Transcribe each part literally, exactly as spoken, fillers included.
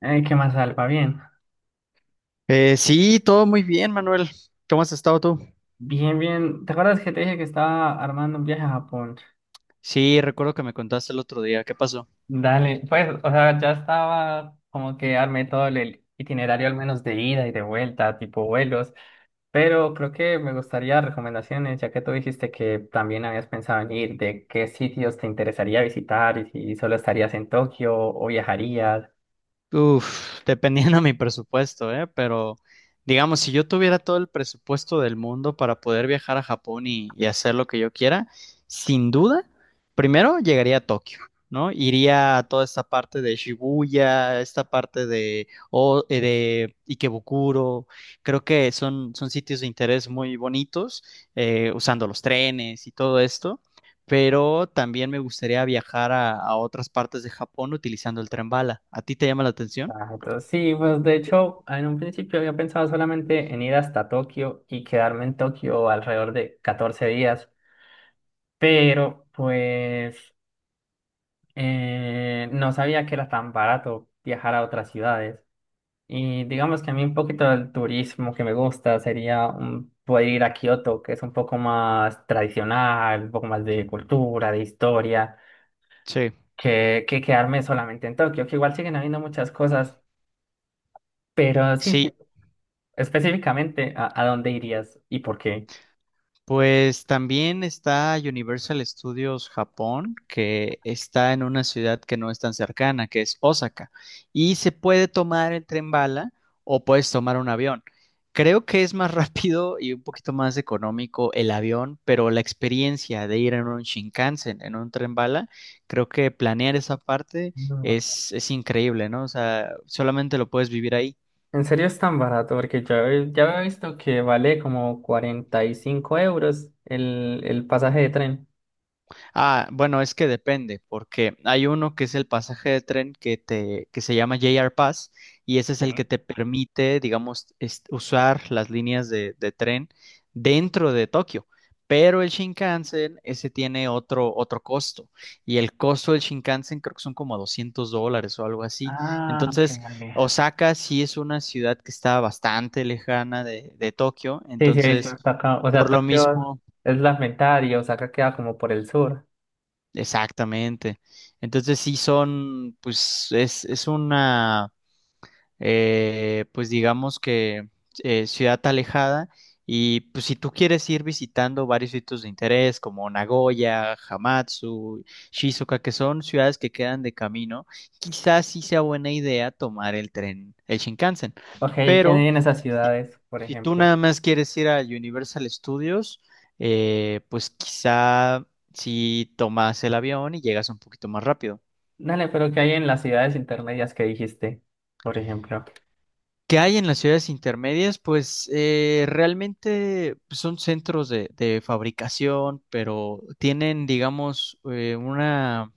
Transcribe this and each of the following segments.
Eh, ¿qué más, Alba? Bien, Eh, sí, todo muy bien, Manuel. ¿Cómo has estado tú? bien, bien. ¿Te acuerdas que te dije que estaba armando un viaje a Japón? Sí, recuerdo que me contaste el otro día. ¿Qué pasó? Dale, pues, o sea, ya estaba como que armé todo el itinerario al menos de ida y de vuelta, tipo vuelos, pero creo que me gustaría recomendaciones, ya que tú dijiste que también habías pensado en ir, de qué sitios te interesaría visitar y si solo estarías en Tokio o viajarías. Uf, dependiendo de mi presupuesto, ¿eh? Pero digamos, si yo tuviera todo el presupuesto del mundo para poder viajar a Japón y, y hacer lo que yo quiera, sin duda, primero llegaría a Tokio, ¿no? Iría a toda esta parte de Shibuya, esta parte de, o, eh, de Ikebukuro. Creo que son, son sitios de interés muy bonitos, eh, usando los trenes y todo esto. Pero también me gustaría viajar a, a otras partes de Japón utilizando el tren bala. ¿A ti te llama la atención? Ah, entonces, sí, pues de hecho, en un principio había pensado solamente en ir hasta Tokio y quedarme en Tokio alrededor de catorce días. Pero pues eh, no sabía que era tan barato viajar a otras ciudades. Y digamos que a mí un poquito del turismo que me gusta sería un- poder ir a Kioto, que es un poco más tradicional, un poco más de cultura, de historia, Sí, que, que quedarme solamente en Tokio, que igual siguen habiendo muchas cosas, pero sí, sí, sí. específicamente, ¿a, a dónde irías y por qué? Pues también está Universal Studios Japón, que está en una ciudad que no es tan cercana, que es Osaka. Y se puede tomar el tren bala o puedes tomar un avión. Creo que es más rápido y un poquito más económico el avión, pero la experiencia de ir en un Shinkansen, en un tren bala, creo que planear esa parte es, es increíble, ¿no? O sea, solamente lo puedes vivir ahí. En serio es tan barato, porque yo he- ya había visto que vale como cuarenta y cinco euros el, el pasaje de tren. Ah, bueno, es que depende, porque hay uno que es el pasaje de tren que te, que se llama J R Pass, y ese es el Sí. que te permite, digamos, es- usar las líneas de, de tren dentro de Tokio. Pero el Shinkansen, ese tiene otro, otro costo. Y el costo del Shinkansen creo que son como doscientos dólares o algo así. Ah, ok, Entonces, vale. Osaka sí es una ciudad que está bastante lejana de, de Tokio. Sí, sí, he visto Entonces, hasta acá. O sea, por lo Tokio mismo. es la mitad y Osaka queda como por el sur. Exactamente. Entonces sí son, pues es, es una eh, pues digamos que eh, ciudad alejada. Y pues si tú quieres ir visitando varios sitios de interés como Nagoya, Hamatsu, Shizuoka, que son ciudades que quedan de camino, quizás sí sea buena idea tomar el tren, el Shinkansen. Ok, ¿qué Pero hay en esas si, ciudades, por si tú ejemplo? nada más quieres ir a Universal Studios, eh, pues quizá si tomas el avión y llegas un poquito más rápido. Dale, pero ¿qué hay en las ciudades intermedias que dijiste, por ejemplo? ¿Qué hay en las ciudades intermedias? Pues eh, realmente pues, son centros de, de fabricación, pero tienen, digamos, eh, una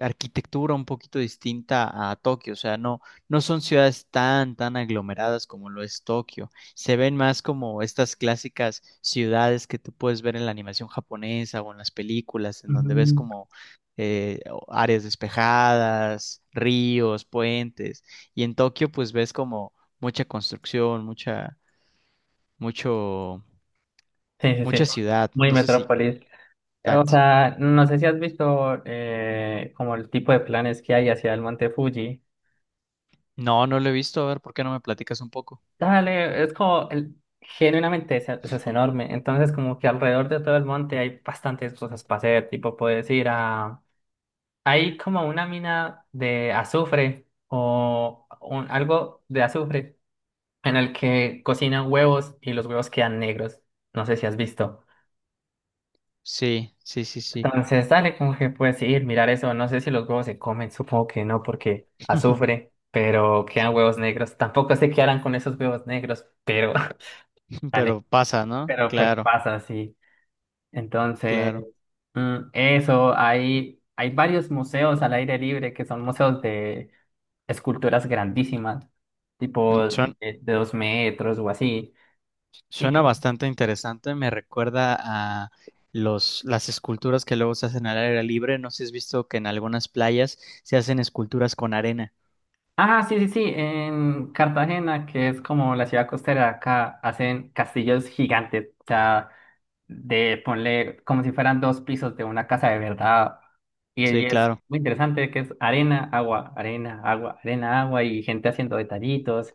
arquitectura un poquito distinta a Tokio. O sea, no, no son ciudades tan, tan aglomeradas como lo es Tokio. Se ven más como estas clásicas ciudades que tú puedes ver en la animación japonesa o en las películas, en donde ves Mm. como eh, áreas despejadas, ríos, puentes. Y en Tokio, pues ves como mucha construcción, mucha, mucho, Sí, sí, sí, mucha ciudad. muy No sé si. metrópolis. O Exacto. sea, no sé si has visto eh, como el tipo de planes que hay hacia el Monte Fuji. No, no lo he visto. A ver, ¿por qué no me platicas un poco? Dale, es como el- genuinamente es, eso es enorme. Entonces, como que alrededor de todo el monte hay bastantes cosas para hacer. Tipo, puedes ir a. Hay como una mina de azufre o un- algo de azufre en el que cocinan huevos y los huevos quedan negros. No sé si has visto. Sí, sí, sí, sí. Entonces, dale, como que puedes ir, mirar eso. No sé si los huevos se comen, supongo que no, porque azufre, pero quedan huevos negros. Tampoco sé qué harán con esos huevos negros, pero. Dale. Pero pasa, ¿no? Pero, pero Claro, pasa, sí. Entonces, claro. mm, eso, hay, hay varios museos al aire libre que son museos de esculturas grandísimas, Mm, tipo Suena, de, de dos metros o así. Y suena sí. bastante interesante. Me recuerda a los, las esculturas que luego se hacen al aire libre. No sé si has visto que en algunas playas se hacen esculturas con arena. Ah, sí, sí, sí, en Cartagena, que es como la ciudad costera de acá, hacen castillos gigantes, o sea, de ponle como si fueran dos pisos de una casa de verdad. Y, Sí, y es claro. muy interesante que es arena, agua, arena, agua, arena, agua y gente haciendo detallitos.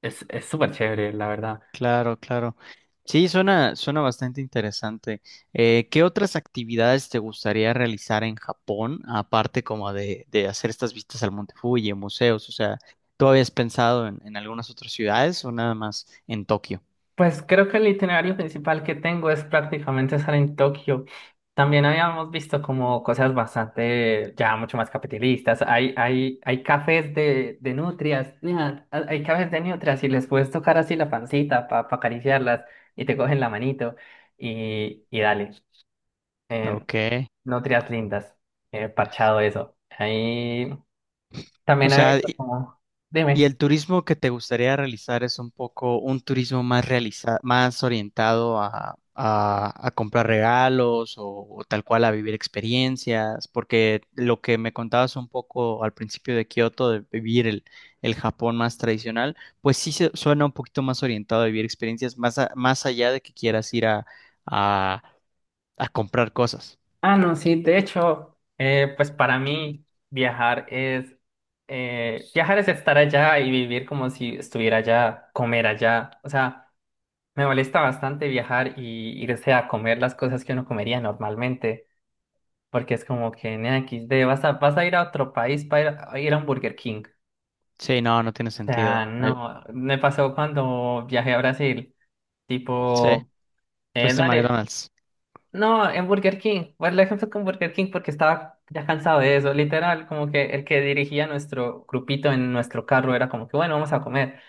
Es, es súper chévere, la verdad. Claro, claro. Sí, suena, suena bastante interesante. Eh, ¿qué otras actividades te gustaría realizar en Japón, aparte como de, de hacer estas vistas al Monte Fuji, museos? O sea, ¿tú habías pensado en, en algunas otras ciudades o nada más en Tokio? Pues creo que el itinerario principal que tengo es prácticamente estar en Tokio. También habíamos visto como cosas bastante, ya mucho más capitalistas. Hay, hay, hay cafés de, de nutrias, mira, ha- hay cafés de nutrias y les puedes tocar así la pancita para acariciarlas y te cogen la manito y, y dale. Eh, Ok. nutrias lindas, eh, parchado eso. Ahí O también hay sea, visto como, y dime. el turismo que te gustaría realizar es un poco un turismo más realiza- más orientado a, a- a comprar regalos o, o tal cual a vivir experiencias, porque lo que me contabas un poco al principio de Kioto, de vivir el, el Japón más tradicional, pues sí se, suena un poquito más orientado a vivir experiencias, más, a- más allá de que quieras ir a, a, a comprar cosas. Ah, no, sí, de hecho, eh, pues para mí viajar es eh, viajar es estar allá y vivir como si estuviera allá, comer allá. O sea, me molesta bastante viajar y irse a comer las cosas que uno comería normalmente, porque es como que en equis de vas a, vas a ir a otro país para ir a, ir a un Burger King. Sí, no, no tiene O sea, sentido. Eh, no, me pasó cuando viajé a Brasil, sí, tipo, eh, fuiste en dale. McDonald's. No, en Burger King. Bueno, el ejemplo con Burger King porque estaba ya cansado de eso. Literal, como que el que dirigía nuestro grupito en nuestro carro era como que, bueno, vamos a comer.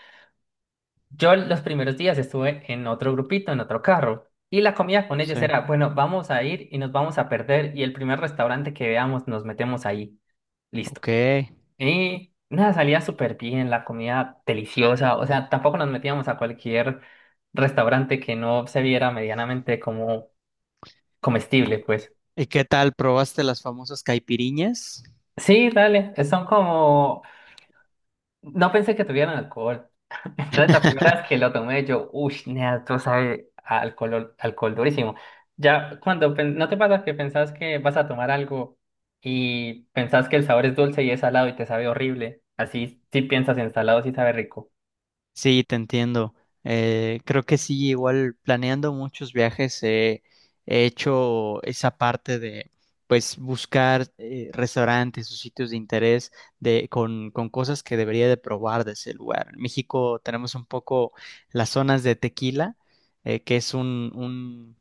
Yo los primeros días estuve en otro grupito, en otro carro. Y la comida con Sí, ellos era, bueno, vamos a ir y nos vamos a perder. Y el primer restaurante que veamos nos metemos ahí. Listo. ok. Y nada, salía súper bien, la comida deliciosa. O sea, tampoco nos metíamos a cualquier restaurante que no se viera medianamente como comestible, pues. ¿Y qué tal? ¿Probaste las famosas caipiriñas? Sí, dale, eh, son como... No pensé que tuvieran alcohol. Entonces la primera vez que lo tomé yo, uy, nea, tú sabe a alcohol, alcohol durísimo. Ya cuando pen- no te pasa que pensás que vas a tomar algo y pensás que el sabor es dulce y es salado y te sabe horrible. Así, si piensas en salado, sí sabe rico. Sí, te entiendo. Eh, creo que sí, igual planeando muchos viajes eh, he hecho esa parte de pues buscar eh, restaurantes o sitios de interés de, con, con cosas que debería de probar de ese lugar. En México tenemos un poco las zonas de Tequila, eh, que es un, un,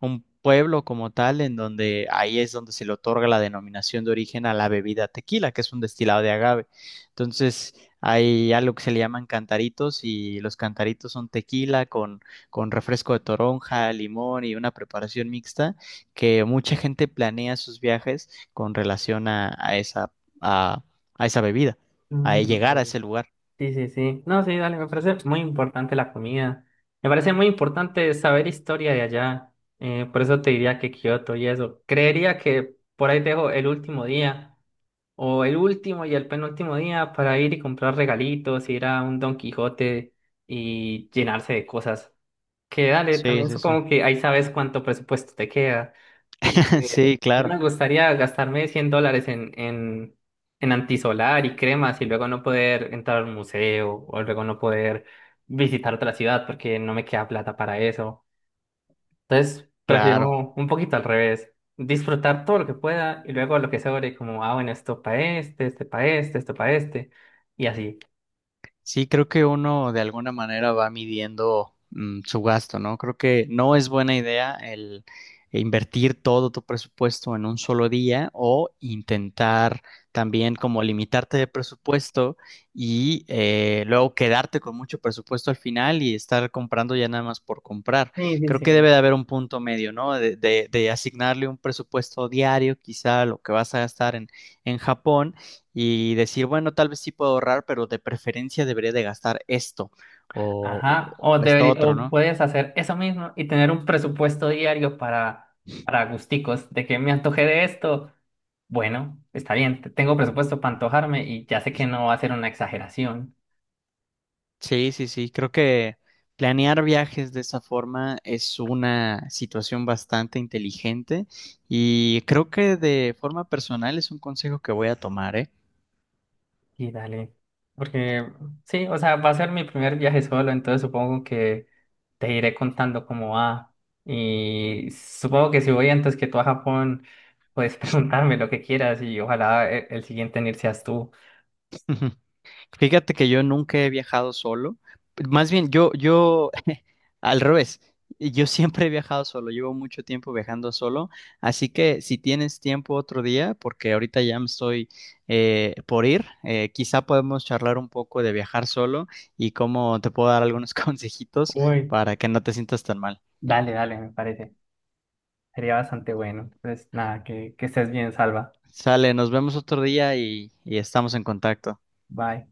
un pueblo como tal, en donde ahí es donde se le otorga la denominación de origen a la bebida tequila, que es un destilado de agave. Entonces... Hay algo que se le llaman cantaritos y los cantaritos son tequila con, con refresco de toronja, limón y una preparación mixta que mucha gente planea sus viajes con relación a, a esa, a, a esa bebida, a Mm, llegar a ok. ese lugar. Sí, sí, sí. No, sí, dale, me parece muy importante la comida. Me parece muy importante saber historia de allá. Eh, por eso te diría que Kioto y eso. Creería que por ahí dejo el último día o el último y el penúltimo día para ir y comprar regalitos, ir a un Don Quijote y llenarse de cosas. Que dale, Sí, también sí, sí. supongo que ahí sabes cuánto presupuesto te queda. Eh, Sí, a mí claro, me gustaría gastarme cien dólares en, en, en antisolar y cremas y luego no poder entrar al museo o luego no poder visitar otra ciudad porque no me queda plata para eso. Entonces, claro. prefiero un poquito al revés, disfrutar todo lo que pueda y luego lo que sobre, como, ah, bueno, esto para este, este para este, esto para este y así. Sí, creo que uno de alguna manera va midiendo mm, su gasto, ¿no? Creo que no es buena idea el invertir todo tu presupuesto en un solo día o intentar también como limitarte de presupuesto y eh, luego quedarte con mucho presupuesto al final y estar comprando ya nada más por comprar. Sí, sí, Creo que sí. debe de haber un punto medio, ¿no? De, de- de asignarle un presupuesto diario, quizá lo que vas a gastar en en Japón y decir, bueno, tal vez sí puedo ahorrar, pero de preferencia debería de gastar esto o, Ajá, o, o esto deberí- otro, o ¿no? puedes hacer eso mismo y tener un presupuesto diario para, para, gusticos, de que me antoje de esto. Bueno, está bien, te- tengo presupuesto para antojarme y ya sé que no va a ser una exageración. Sí, sí, sí, creo que planear viajes de esa forma es una situación bastante inteligente y creo que de forma personal es un consejo que voy a tomar, ¿eh? Y dale, porque sí, o sea, va a ser mi primer viaje solo, entonces supongo que te iré contando cómo va. Y supongo que si voy antes que tú a Japón, puedes preguntarme lo que quieras y ojalá e- el, siguiente en ir seas tú. Fíjate que yo nunca he viajado solo. Más bien, yo, yo, al revés, yo siempre he viajado solo, llevo mucho tiempo viajando solo, así que si tienes tiempo otro día, porque ahorita ya me estoy eh, por ir, eh, quizá podemos charlar un poco de viajar solo y cómo te puedo dar algunos consejitos Uy. para que no te sientas tan mal. Dale, dale, me parece. Sería bastante bueno. Entonces, nada, que, que estés bien, Salva. Sale, nos vemos otro día y y estamos en contacto. Bye.